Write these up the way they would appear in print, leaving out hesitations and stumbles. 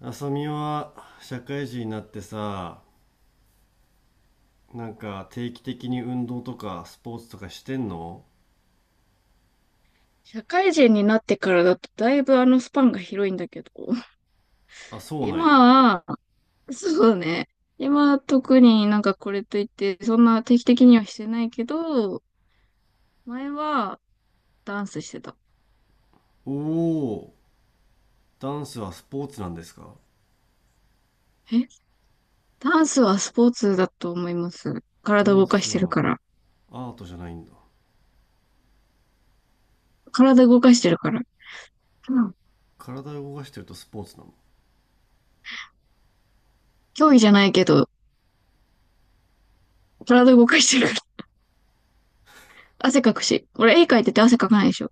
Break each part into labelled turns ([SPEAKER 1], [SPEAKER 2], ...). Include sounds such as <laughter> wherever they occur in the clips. [SPEAKER 1] 浅見は社会人になってさ、なんか定期的に運動とかスポーツとかしてんの？
[SPEAKER 2] 社会人になってからだとだいぶスパンが広いんだけど、<laughs>
[SPEAKER 1] あ、そうなんや。
[SPEAKER 2] 今は、そうね。今は特になんかこれといって、そんな定期的にはしてないけど、前はダンスしてた。
[SPEAKER 1] おお、ダンスはスポーツなんですか？
[SPEAKER 2] えダンスはスポーツだと思います。
[SPEAKER 1] ダ
[SPEAKER 2] 体
[SPEAKER 1] ン
[SPEAKER 2] 動かし
[SPEAKER 1] ス
[SPEAKER 2] てる
[SPEAKER 1] は
[SPEAKER 2] から。
[SPEAKER 1] アートじゃないんだ。
[SPEAKER 2] 体動かしてるから。うん。
[SPEAKER 1] 体を動かしてるとスポーツなの？
[SPEAKER 2] 競技じゃないけど、体動かしてるから。<laughs> 汗かくし。俺絵描いてて汗かかないでしょ。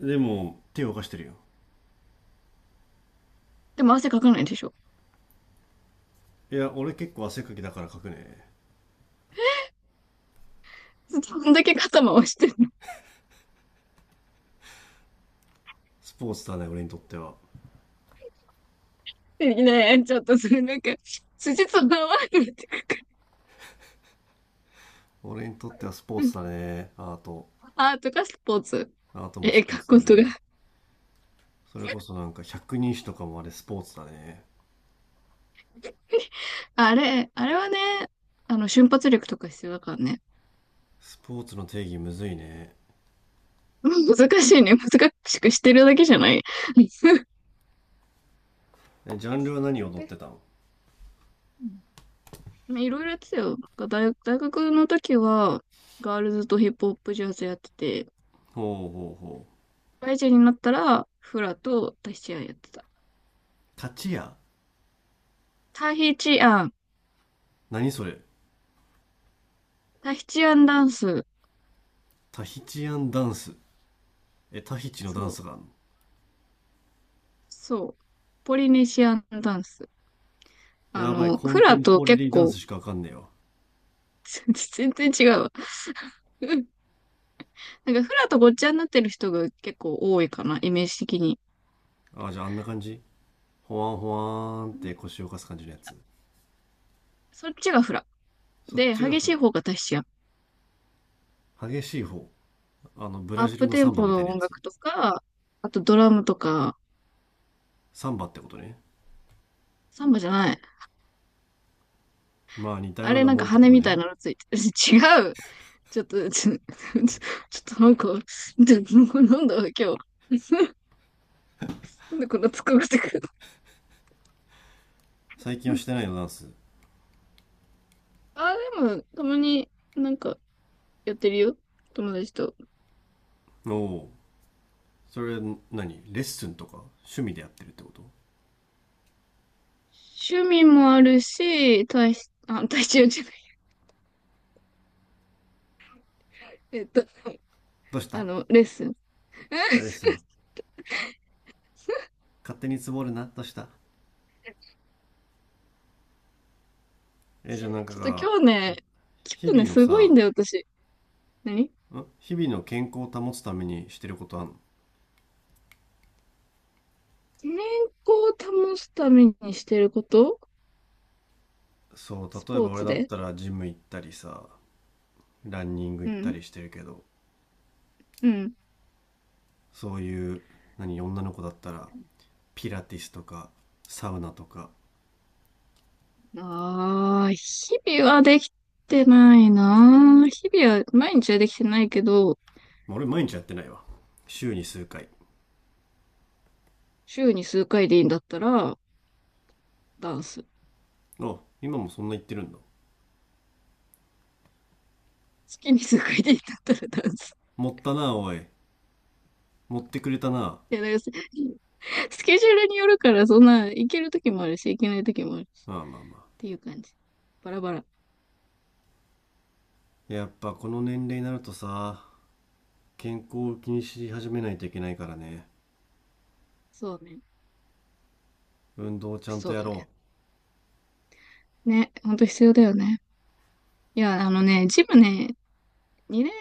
[SPEAKER 1] でも、手を動かしてるよ。
[SPEAKER 2] でも汗かかないでしょ。
[SPEAKER 1] いや、俺結構汗かきだから書くね。
[SPEAKER 2] <laughs> どんだけ肩回して。
[SPEAKER 1] スポーツだね、俺にとっては。
[SPEAKER 2] ねえ、<laughs> ちょっとそれなんか、筋と合わなくなってくる。
[SPEAKER 1] 俺にとってはスポーツだね、アート。
[SPEAKER 2] アートかスポーツ。
[SPEAKER 1] アートも
[SPEAKER 2] え、
[SPEAKER 1] ス
[SPEAKER 2] 書
[SPEAKER 1] ポー
[SPEAKER 2] く
[SPEAKER 1] ツ
[SPEAKER 2] こ
[SPEAKER 1] だ
[SPEAKER 2] と
[SPEAKER 1] ね。
[SPEAKER 2] が。
[SPEAKER 1] それこそなんか百人一首とかもあれスポーツだね。
[SPEAKER 2] <laughs> あれ、あれはね、瞬発力とか必要だからね。
[SPEAKER 1] スポーツの定義むずいね。
[SPEAKER 2] 難しいね。難しくしてるだけじゃない。<laughs>
[SPEAKER 1] ジャンルは何
[SPEAKER 2] 絶
[SPEAKER 1] 踊っ
[SPEAKER 2] 対。
[SPEAKER 1] てたの？
[SPEAKER 2] うん <laughs> いろいろやってたよ。大学の時は、ガールズとヒップホップジャズやってて、
[SPEAKER 1] ほうほうほう。
[SPEAKER 2] 社会人になったら、フラとタヒチアンやってた。
[SPEAKER 1] タチヤ？
[SPEAKER 2] タヒチアン。
[SPEAKER 1] 何それ？
[SPEAKER 2] タヒチアンダンス。
[SPEAKER 1] タヒチアンダンス。え、タヒチのダ
[SPEAKER 2] そ
[SPEAKER 1] ン
[SPEAKER 2] う。
[SPEAKER 1] スがあんの？
[SPEAKER 2] そう。ポリネシアンダンス。
[SPEAKER 1] やばい、コ
[SPEAKER 2] フ
[SPEAKER 1] ンテ
[SPEAKER 2] ラ
[SPEAKER 1] ン
[SPEAKER 2] と
[SPEAKER 1] ポラ
[SPEAKER 2] 結
[SPEAKER 1] リーダンス
[SPEAKER 2] 構、
[SPEAKER 1] しかわかんねえよ。
[SPEAKER 2] <laughs> 全然違うわ。うんなんかフラとごっちゃになってる人が結構多いかな、イメージ的に。
[SPEAKER 1] ああ、じゃああんな感じ？ほわんほわーんっ
[SPEAKER 2] うん
[SPEAKER 1] て腰を浮かす感じのやつ？
[SPEAKER 2] そっちがフラ。
[SPEAKER 1] そっ
[SPEAKER 2] で、
[SPEAKER 1] ちが
[SPEAKER 2] 激し
[SPEAKER 1] フ
[SPEAKER 2] い方がタヒチアン。
[SPEAKER 1] ラ、激しい方？あのブラ
[SPEAKER 2] アッ
[SPEAKER 1] ジル
[SPEAKER 2] プ
[SPEAKER 1] の
[SPEAKER 2] テ
[SPEAKER 1] サ
[SPEAKER 2] ン
[SPEAKER 1] ンバ
[SPEAKER 2] ポ
[SPEAKER 1] みたい
[SPEAKER 2] の
[SPEAKER 1] なや
[SPEAKER 2] 音
[SPEAKER 1] つ？
[SPEAKER 2] 楽とか、あとドラムとか、
[SPEAKER 1] サンバってことね。
[SPEAKER 2] サンバじゃない。
[SPEAKER 1] まあ似た
[SPEAKER 2] あ
[SPEAKER 1] よう
[SPEAKER 2] れ
[SPEAKER 1] な
[SPEAKER 2] なんか
[SPEAKER 1] もんってこ
[SPEAKER 2] 羽
[SPEAKER 1] と
[SPEAKER 2] みたい
[SPEAKER 1] ね。
[SPEAKER 2] なのついてる。<laughs> 違う。ちょっと、<laughs> ちょ、<laughs> ちょっとなんか、<laughs> なんだ、今日。<laughs> なんでこんな疲れてくる。
[SPEAKER 1] 最近はしてな
[SPEAKER 2] <laughs>
[SPEAKER 1] いの、ダンス？
[SPEAKER 2] あ、でも、たまになんか、やってるよ。友達と。
[SPEAKER 1] おお、それ何？レッスンとか趣味でやってるってこと？
[SPEAKER 2] 趣味もあるし、体し、あ、体重じゃない。<laughs> えっと、
[SPEAKER 1] どうした？
[SPEAKER 2] レッスン。
[SPEAKER 1] レッスン？
[SPEAKER 2] <laughs>
[SPEAKER 1] 勝手につぼるな、どうした？じ
[SPEAKER 2] ち
[SPEAKER 1] ゃあ
[SPEAKER 2] ょ
[SPEAKER 1] なん
[SPEAKER 2] っ
[SPEAKER 1] か
[SPEAKER 2] と
[SPEAKER 1] が、
[SPEAKER 2] 今日ね、
[SPEAKER 1] 日
[SPEAKER 2] 今日
[SPEAKER 1] 々
[SPEAKER 2] ね、
[SPEAKER 1] の
[SPEAKER 2] すごい
[SPEAKER 1] さ、
[SPEAKER 2] んだよ、私。何
[SPEAKER 1] ん、日々の健康を保つためにしてることあんの？
[SPEAKER 2] 健康を保つためにしてること、
[SPEAKER 1] そう、
[SPEAKER 2] ス
[SPEAKER 1] 例え
[SPEAKER 2] ポ
[SPEAKER 1] ば
[SPEAKER 2] ー
[SPEAKER 1] 俺
[SPEAKER 2] ツ
[SPEAKER 1] だっ
[SPEAKER 2] で。
[SPEAKER 1] たらジム行ったりさ、ランニング
[SPEAKER 2] う
[SPEAKER 1] 行った
[SPEAKER 2] ん。
[SPEAKER 1] りしてるけど、
[SPEAKER 2] うん。
[SPEAKER 1] そういう、何、女の子だったら、ピラティスとか、サウナとか、
[SPEAKER 2] ああ、日々はできてないな。日々は、毎日はできてないけど、
[SPEAKER 1] まあ俺毎日やってないわ。週に数回。
[SPEAKER 2] 週に数回でいいんだったら、ダンス。
[SPEAKER 1] あ、今もそんな言ってるんだ。
[SPEAKER 2] 月に数回でいいんだったらダンス。
[SPEAKER 1] 持ったな、おい。持ってくれたな。
[SPEAKER 2] いや、だからスケジュールによるから、そんな、行ける時もあるし、行けない時もあるし、っ
[SPEAKER 1] まあまあまあ。
[SPEAKER 2] ていう感じ。バラバラ。
[SPEAKER 1] やっぱこの年齢になるとさ、健康を気にし始めないといけないからね。
[SPEAKER 2] そうね。
[SPEAKER 1] 運動をちゃんと
[SPEAKER 2] そう
[SPEAKER 1] や
[SPEAKER 2] だ
[SPEAKER 1] ろ。
[SPEAKER 2] ね。ね、ほんと必要だよね。いや、あのね、ジムね、2年、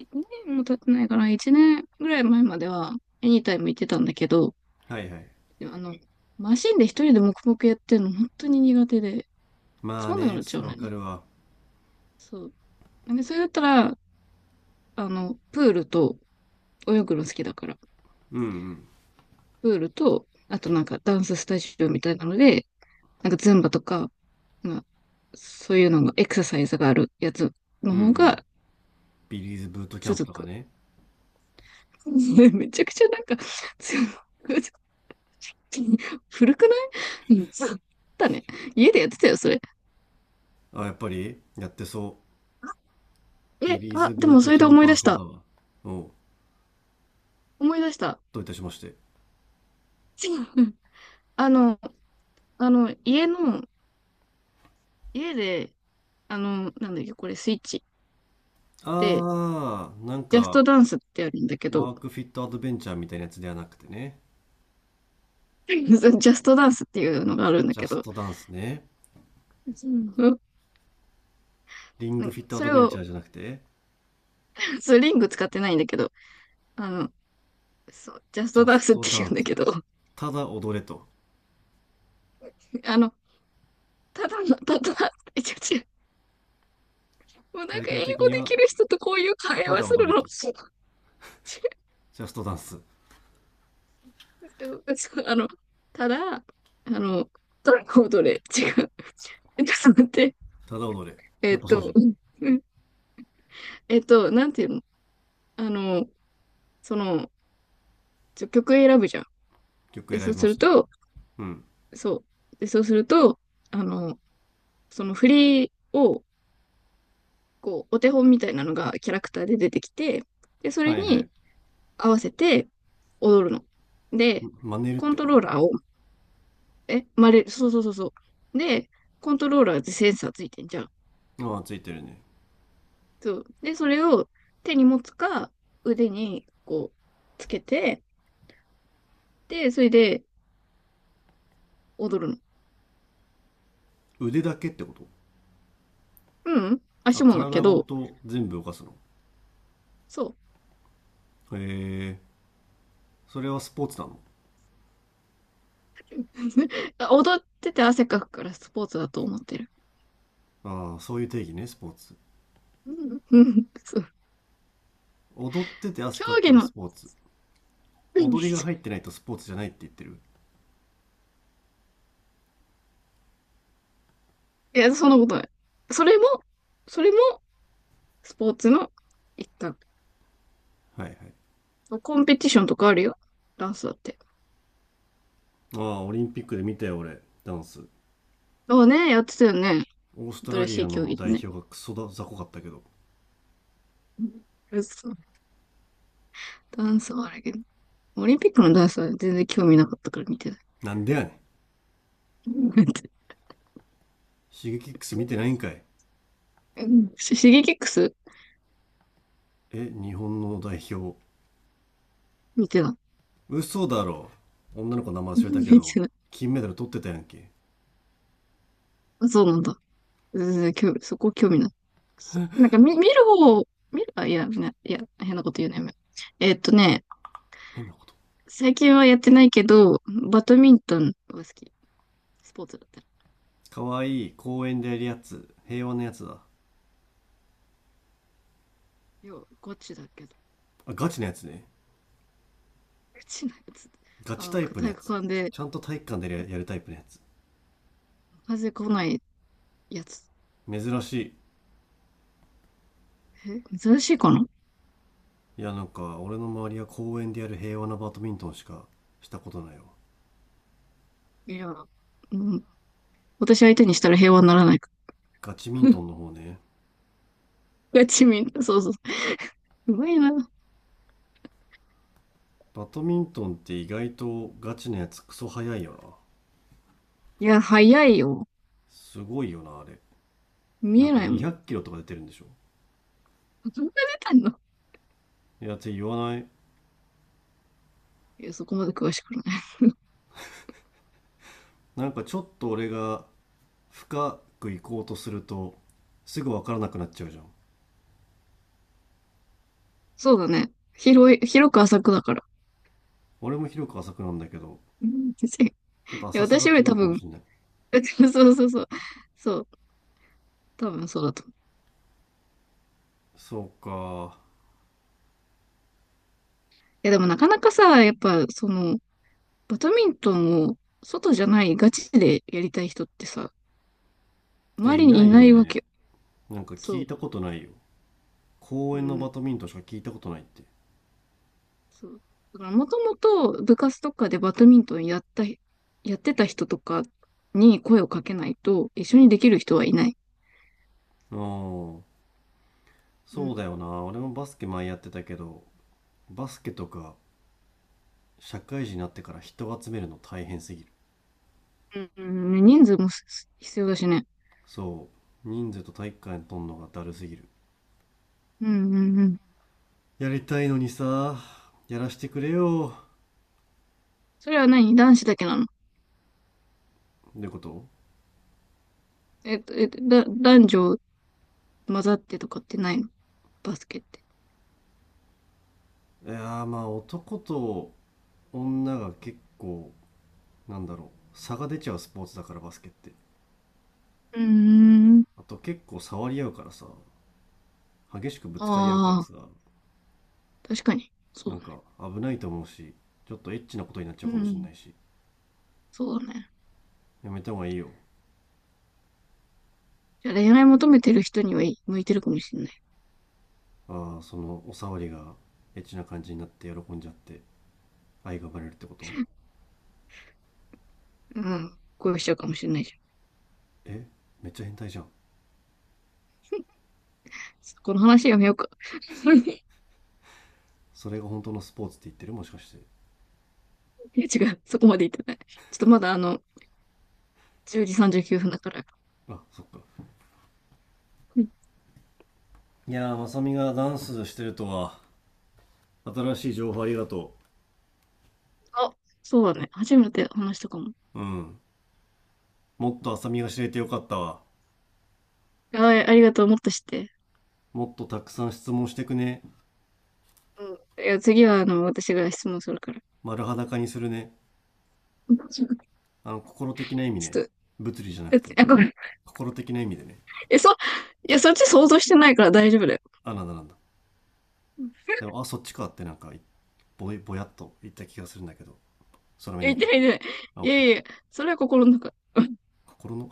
[SPEAKER 2] 2年も経ってないかな、1年ぐらい前までは、エニタイム行ってたんだけど、
[SPEAKER 1] はいはい。
[SPEAKER 2] でもマシンで一人で黙々やってるの本当に苦手で、
[SPEAKER 1] ま
[SPEAKER 2] つ
[SPEAKER 1] あ
[SPEAKER 2] まんなく
[SPEAKER 1] ね、
[SPEAKER 2] なっちゃ
[SPEAKER 1] そ
[SPEAKER 2] う
[SPEAKER 1] う
[SPEAKER 2] の
[SPEAKER 1] わ
[SPEAKER 2] よ
[SPEAKER 1] か
[SPEAKER 2] ね。
[SPEAKER 1] るわ。
[SPEAKER 2] そう。で、それだったら、プールと、泳ぐの好きだから、
[SPEAKER 1] うんうん。
[SPEAKER 2] プールと、あとなんかダンススタジオみたいなので、なんかズンバとか、まあ、そういうのが、エクササイズがあるやつの
[SPEAKER 1] うんう
[SPEAKER 2] 方
[SPEAKER 1] ん。
[SPEAKER 2] が
[SPEAKER 1] ビリーズブートキャンプ
[SPEAKER 2] 続
[SPEAKER 1] とか
[SPEAKER 2] く。
[SPEAKER 1] ね。
[SPEAKER 2] <laughs> めちゃくちゃなんか、強く古くない。うん。だね。家でやってたよ、それ。
[SPEAKER 1] あ、やっぱりやってそう。ビ
[SPEAKER 2] え、
[SPEAKER 1] リー
[SPEAKER 2] あ、
[SPEAKER 1] ズ
[SPEAKER 2] で
[SPEAKER 1] ブー
[SPEAKER 2] も
[SPEAKER 1] ト
[SPEAKER 2] それ
[SPEAKER 1] キ
[SPEAKER 2] で
[SPEAKER 1] ャン
[SPEAKER 2] 思い
[SPEAKER 1] パー
[SPEAKER 2] 出し
[SPEAKER 1] そうだ
[SPEAKER 2] た。
[SPEAKER 1] わ。おう、
[SPEAKER 2] 思い出した。
[SPEAKER 1] どういたしまして。
[SPEAKER 2] <laughs> あの、あの、家で、あの、なんだっけ、これ、スイッチで、
[SPEAKER 1] あー、なん
[SPEAKER 2] ジャスト
[SPEAKER 1] か、
[SPEAKER 2] ダンスってあるんだけど、
[SPEAKER 1] ワークフィットアドベンチャーみたいなやつではなくてね。
[SPEAKER 2] <laughs> ジャストダンスっていうのがあるんだ
[SPEAKER 1] ジャ
[SPEAKER 2] け
[SPEAKER 1] ス
[SPEAKER 2] ど、
[SPEAKER 1] トダンスね。
[SPEAKER 2] うん
[SPEAKER 1] リン
[SPEAKER 2] な
[SPEAKER 1] グ
[SPEAKER 2] んか
[SPEAKER 1] フィットア
[SPEAKER 2] そ
[SPEAKER 1] ド
[SPEAKER 2] れ
[SPEAKER 1] ベンチャ
[SPEAKER 2] を
[SPEAKER 1] ーじゃなくて、
[SPEAKER 2] 普通リング使ってないんだけど、あの、そう、ジャス
[SPEAKER 1] ジ
[SPEAKER 2] ト
[SPEAKER 1] ャ
[SPEAKER 2] ダン
[SPEAKER 1] ス
[SPEAKER 2] スっ
[SPEAKER 1] ト
[SPEAKER 2] て
[SPEAKER 1] ダ
[SPEAKER 2] 言う
[SPEAKER 1] ン
[SPEAKER 2] んだ
[SPEAKER 1] ス。
[SPEAKER 2] けど、<laughs>
[SPEAKER 1] ただ踊れと。
[SPEAKER 2] あの、ただ、違う、もうな
[SPEAKER 1] タ
[SPEAKER 2] ん
[SPEAKER 1] イ
[SPEAKER 2] か
[SPEAKER 1] ト
[SPEAKER 2] 英
[SPEAKER 1] ル的
[SPEAKER 2] 語
[SPEAKER 1] に
[SPEAKER 2] で
[SPEAKER 1] は、
[SPEAKER 2] きる人とこういう会
[SPEAKER 1] た
[SPEAKER 2] 話
[SPEAKER 1] だ
[SPEAKER 2] す
[SPEAKER 1] 踊
[SPEAKER 2] る
[SPEAKER 1] れ
[SPEAKER 2] の、違
[SPEAKER 1] と。
[SPEAKER 2] う。
[SPEAKER 1] ジャストダンス。
[SPEAKER 2] <laughs> あの、ただ、あの、どれコードれ違う、<laughs> えちょっと待って、
[SPEAKER 1] ただ踊れ。
[SPEAKER 2] え
[SPEAKER 1] や
[SPEAKER 2] っ
[SPEAKER 1] っぱそうじゃ
[SPEAKER 2] と、
[SPEAKER 1] ん。
[SPEAKER 2] <laughs> うんえっと、なんていうの。あの、その、曲選ぶじゃん。
[SPEAKER 1] 曲
[SPEAKER 2] で、
[SPEAKER 1] 選
[SPEAKER 2] そう
[SPEAKER 1] び
[SPEAKER 2] す
[SPEAKER 1] ま
[SPEAKER 2] る
[SPEAKER 1] すと。
[SPEAKER 2] と、
[SPEAKER 1] うん。
[SPEAKER 2] そう。で、そうすると、あの、その振りを、こう、お手本みたいなのがキャラクターで出てきて、で、それ
[SPEAKER 1] はいはい。
[SPEAKER 2] に合わせて踊るの。で、
[SPEAKER 1] 真似るっ
[SPEAKER 2] コ
[SPEAKER 1] て
[SPEAKER 2] ント
[SPEAKER 1] こ
[SPEAKER 2] ロー
[SPEAKER 1] と？
[SPEAKER 2] ラーを、え、まれ、そうそうそうそう。で、コントローラーってセンサーついてんじゃん。
[SPEAKER 1] ああ、ついてるね。
[SPEAKER 2] そう。で、それを手に持つか、腕にこう、つけて、で、それで踊るの。
[SPEAKER 1] 腕だけってこと？
[SPEAKER 2] うん、
[SPEAKER 1] あ、
[SPEAKER 2] 足もだけ
[SPEAKER 1] 体ご
[SPEAKER 2] ど、
[SPEAKER 1] と全部動かすの？
[SPEAKER 2] そう。
[SPEAKER 1] へえ、それはスポーツなの？
[SPEAKER 2] <laughs> 踊ってて汗かくからスポーツだと思ってる。
[SPEAKER 1] ああ、そういう定義ね、スポーツ。
[SPEAKER 2] うん、うん、そう。
[SPEAKER 1] 踊ってて汗
[SPEAKER 2] 競
[SPEAKER 1] かくか
[SPEAKER 2] 技
[SPEAKER 1] らス
[SPEAKER 2] の、
[SPEAKER 1] ポーツ。
[SPEAKER 2] うん
[SPEAKER 1] 踊りが入ってないとスポーツじゃないって言ってる。
[SPEAKER 2] いや、そんなことない。それも、それも、スポーツの一環。
[SPEAKER 1] はいはい。
[SPEAKER 2] コンペティションとかあるよ。ダンスだって。
[SPEAKER 1] ああ、オリンピックで見たよ、俺、ダンス。
[SPEAKER 2] ああね、やってたよね。
[SPEAKER 1] オーストラ
[SPEAKER 2] 新
[SPEAKER 1] リ
[SPEAKER 2] し
[SPEAKER 1] ア
[SPEAKER 2] い競
[SPEAKER 1] の
[SPEAKER 2] 技
[SPEAKER 1] 代
[SPEAKER 2] でね。
[SPEAKER 1] 表がクソだ、雑魚かったけど。
[SPEAKER 2] うそう。ダンスはあれけど。オリンピックのダンスは全然興味なかったから見てない。
[SPEAKER 1] なんでやねん。
[SPEAKER 2] うん <laughs>
[SPEAKER 1] シゲキックス見てないんかい。
[SPEAKER 2] うん。シゲキックス
[SPEAKER 1] え、日本の代表。
[SPEAKER 2] 見てな
[SPEAKER 1] 嘘だろ。女の子の名前
[SPEAKER 2] い。
[SPEAKER 1] 忘れ
[SPEAKER 2] うん
[SPEAKER 1] たけ
[SPEAKER 2] 見
[SPEAKER 1] ど、
[SPEAKER 2] てない。
[SPEAKER 1] 金メダル取ってたやんけ。
[SPEAKER 2] あ、そうなんだ。全然興味、そこ興味ない。なんか見る方、見る、あ、いや、ね、いや、変なこと言うね。やめよう。えっとね、
[SPEAKER 1] 変なこと。
[SPEAKER 2] 最近はやってないけど、バドミントンは好き。スポーツだったら。
[SPEAKER 1] かわいい、公園でやるやつ、平和なやつだ？
[SPEAKER 2] いや、ガチだけど。
[SPEAKER 1] あ、ガチのやつね。
[SPEAKER 2] ガチなやつ。
[SPEAKER 1] ガ
[SPEAKER 2] あ
[SPEAKER 1] チタ
[SPEAKER 2] の、
[SPEAKER 1] イプの
[SPEAKER 2] 体
[SPEAKER 1] や
[SPEAKER 2] 育
[SPEAKER 1] つ？
[SPEAKER 2] 館で
[SPEAKER 1] ちゃんと体育館でやるやるタイプのやつ？
[SPEAKER 2] 風来ないやつ。
[SPEAKER 1] 珍しい。
[SPEAKER 2] え、珍しいかな。
[SPEAKER 1] いや、なんか俺の周りは公園でやる平和なバドミントンしかしたことないわ。
[SPEAKER 2] いや、うん。私相手にしたら平和にならないか
[SPEAKER 1] ガチミン
[SPEAKER 2] ら。
[SPEAKER 1] ト
[SPEAKER 2] <laughs>
[SPEAKER 1] ンの方ね。
[SPEAKER 2] ガチみんな、そうそう。うまいな。
[SPEAKER 1] バドミントンって意外とガチのやつクソ速いよな。
[SPEAKER 2] いや、早いよ。
[SPEAKER 1] すごいよなあれ。
[SPEAKER 2] 見
[SPEAKER 1] なん
[SPEAKER 2] え
[SPEAKER 1] か
[SPEAKER 2] ないも
[SPEAKER 1] 200
[SPEAKER 2] ん。
[SPEAKER 1] キロとか出てるんでしょ？
[SPEAKER 2] どんな出たの。
[SPEAKER 1] いやって言わない。
[SPEAKER 2] いや、そこまで詳しくない。
[SPEAKER 1] なんかちょっと俺が深く行こうとするとすぐ分からなくなっちゃうじゃん。
[SPEAKER 2] そうだね。広く浅くだから。
[SPEAKER 1] 俺も広く浅くなんだけど、
[SPEAKER 2] うん <laughs> い
[SPEAKER 1] ちょっと
[SPEAKER 2] や、
[SPEAKER 1] 浅さ
[SPEAKER 2] 私
[SPEAKER 1] が
[SPEAKER 2] よ
[SPEAKER 1] 違
[SPEAKER 2] り多
[SPEAKER 1] うかも
[SPEAKER 2] 分、
[SPEAKER 1] しれない。
[SPEAKER 2] <laughs> そうそうそう。そう、多分そうだと思う。
[SPEAKER 1] そうか。
[SPEAKER 2] でもなかなかさ、やっぱ、その、バドミントンを外じゃないガチでやりたい人ってさ、
[SPEAKER 1] いや、
[SPEAKER 2] 周
[SPEAKER 1] い
[SPEAKER 2] りに
[SPEAKER 1] な
[SPEAKER 2] い
[SPEAKER 1] い
[SPEAKER 2] な
[SPEAKER 1] よ
[SPEAKER 2] いわ
[SPEAKER 1] ね。
[SPEAKER 2] けよ。
[SPEAKER 1] なんか
[SPEAKER 2] そ
[SPEAKER 1] 聞い
[SPEAKER 2] う。
[SPEAKER 1] たことないよ。公
[SPEAKER 2] う
[SPEAKER 1] 園のバ
[SPEAKER 2] ん。
[SPEAKER 1] ドミントンしか聞いたことないって。
[SPEAKER 2] そう。だからもともと部活とかでバドミントンやってた人とかに声をかけないと一緒にできる人はいない。
[SPEAKER 1] うん。
[SPEAKER 2] う
[SPEAKER 1] そうだ
[SPEAKER 2] ん。
[SPEAKER 1] よな。俺もバスケ前やってたけど、バスケとか社会人になってから人を集めるの大変すぎる。
[SPEAKER 2] うんうんうん、人数もす必要だしね。
[SPEAKER 1] そう。人数と体育館にとんのがだるすぎる。
[SPEAKER 2] うんうんうん。
[SPEAKER 1] やりたいのにさ、やらしてくれよ。
[SPEAKER 2] それは何、男子だけなの。
[SPEAKER 1] ってこと？
[SPEAKER 2] 男女混ざってとかってないの、バスケって。
[SPEAKER 1] いやー、まあ男と女が結構、なんだろう、差が出ちゃうスポーツだからバスケって。
[SPEAKER 2] うーん。
[SPEAKER 1] あと結構触り合うからさ、激しくぶつかり合うから
[SPEAKER 2] あ
[SPEAKER 1] さ、
[SPEAKER 2] あ。確かに。そ
[SPEAKER 1] な
[SPEAKER 2] う
[SPEAKER 1] ん
[SPEAKER 2] だね。
[SPEAKER 1] か危ないと思うし、ちょっとエッチなことになっちゃ
[SPEAKER 2] う
[SPEAKER 1] うかもしれ
[SPEAKER 2] ん。
[SPEAKER 1] ないし、
[SPEAKER 2] そうだね。
[SPEAKER 1] やめた方がいいよ。
[SPEAKER 2] じゃあ恋愛求めてる人にはい向いてるかもしれない。
[SPEAKER 1] ああ、そのお触りがエッチな感じになって喜んじゃって愛が生まれるってこと？
[SPEAKER 2] うん。恋しちゃうかもしれないじゃん。
[SPEAKER 1] え、めっちゃ変態じゃん。
[SPEAKER 2] この話やめようか。<laughs>
[SPEAKER 1] それが本当のスポーツって言ってる、もしかして。
[SPEAKER 2] いや違う。そこまで言ってない。ちょっとまだあの、10時39分だから。
[SPEAKER 1] あ、そっか。
[SPEAKER 2] うん
[SPEAKER 1] いやー、まさみがダンスしてるとは、新しい情報ありがと
[SPEAKER 2] あ、そうだね。初めて話したかも。
[SPEAKER 1] う。うん。もっとあさみが知れてよかったわ。
[SPEAKER 2] あ、ありがとう。もっとして。
[SPEAKER 1] もっとたくさん質問してくね。
[SPEAKER 2] うん。いや、次はあの、私が質問するから。
[SPEAKER 1] 丸裸にするね。
[SPEAKER 2] うんちょっ
[SPEAKER 1] あの、心的な意味
[SPEAKER 2] と、
[SPEAKER 1] ね。物理じゃな
[SPEAKER 2] だ
[SPEAKER 1] く
[SPEAKER 2] っ
[SPEAKER 1] て、
[SPEAKER 2] て、あ、ごめん。
[SPEAKER 1] 心的な意味でね。
[SPEAKER 2] え、そ、いや、そっち想像してないから大丈夫だよ。
[SPEAKER 1] あ、なんだなんだ。
[SPEAKER 2] うん
[SPEAKER 1] でも、あ、そっちかってなんか、ぼやっと言った気がするんだけど。空
[SPEAKER 2] いや、
[SPEAKER 1] 耳
[SPEAKER 2] 言って
[SPEAKER 1] か。
[SPEAKER 2] ない、言ってない。
[SPEAKER 1] あ、オ
[SPEAKER 2] い
[SPEAKER 1] ッ
[SPEAKER 2] や
[SPEAKER 1] ケ
[SPEAKER 2] いや、
[SPEAKER 1] ー。
[SPEAKER 2] それは心の中。
[SPEAKER 1] 心の、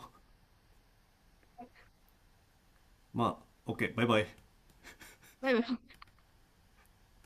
[SPEAKER 1] <laughs> まあ、オッケー、バイバイ。
[SPEAKER 2] バイバイ。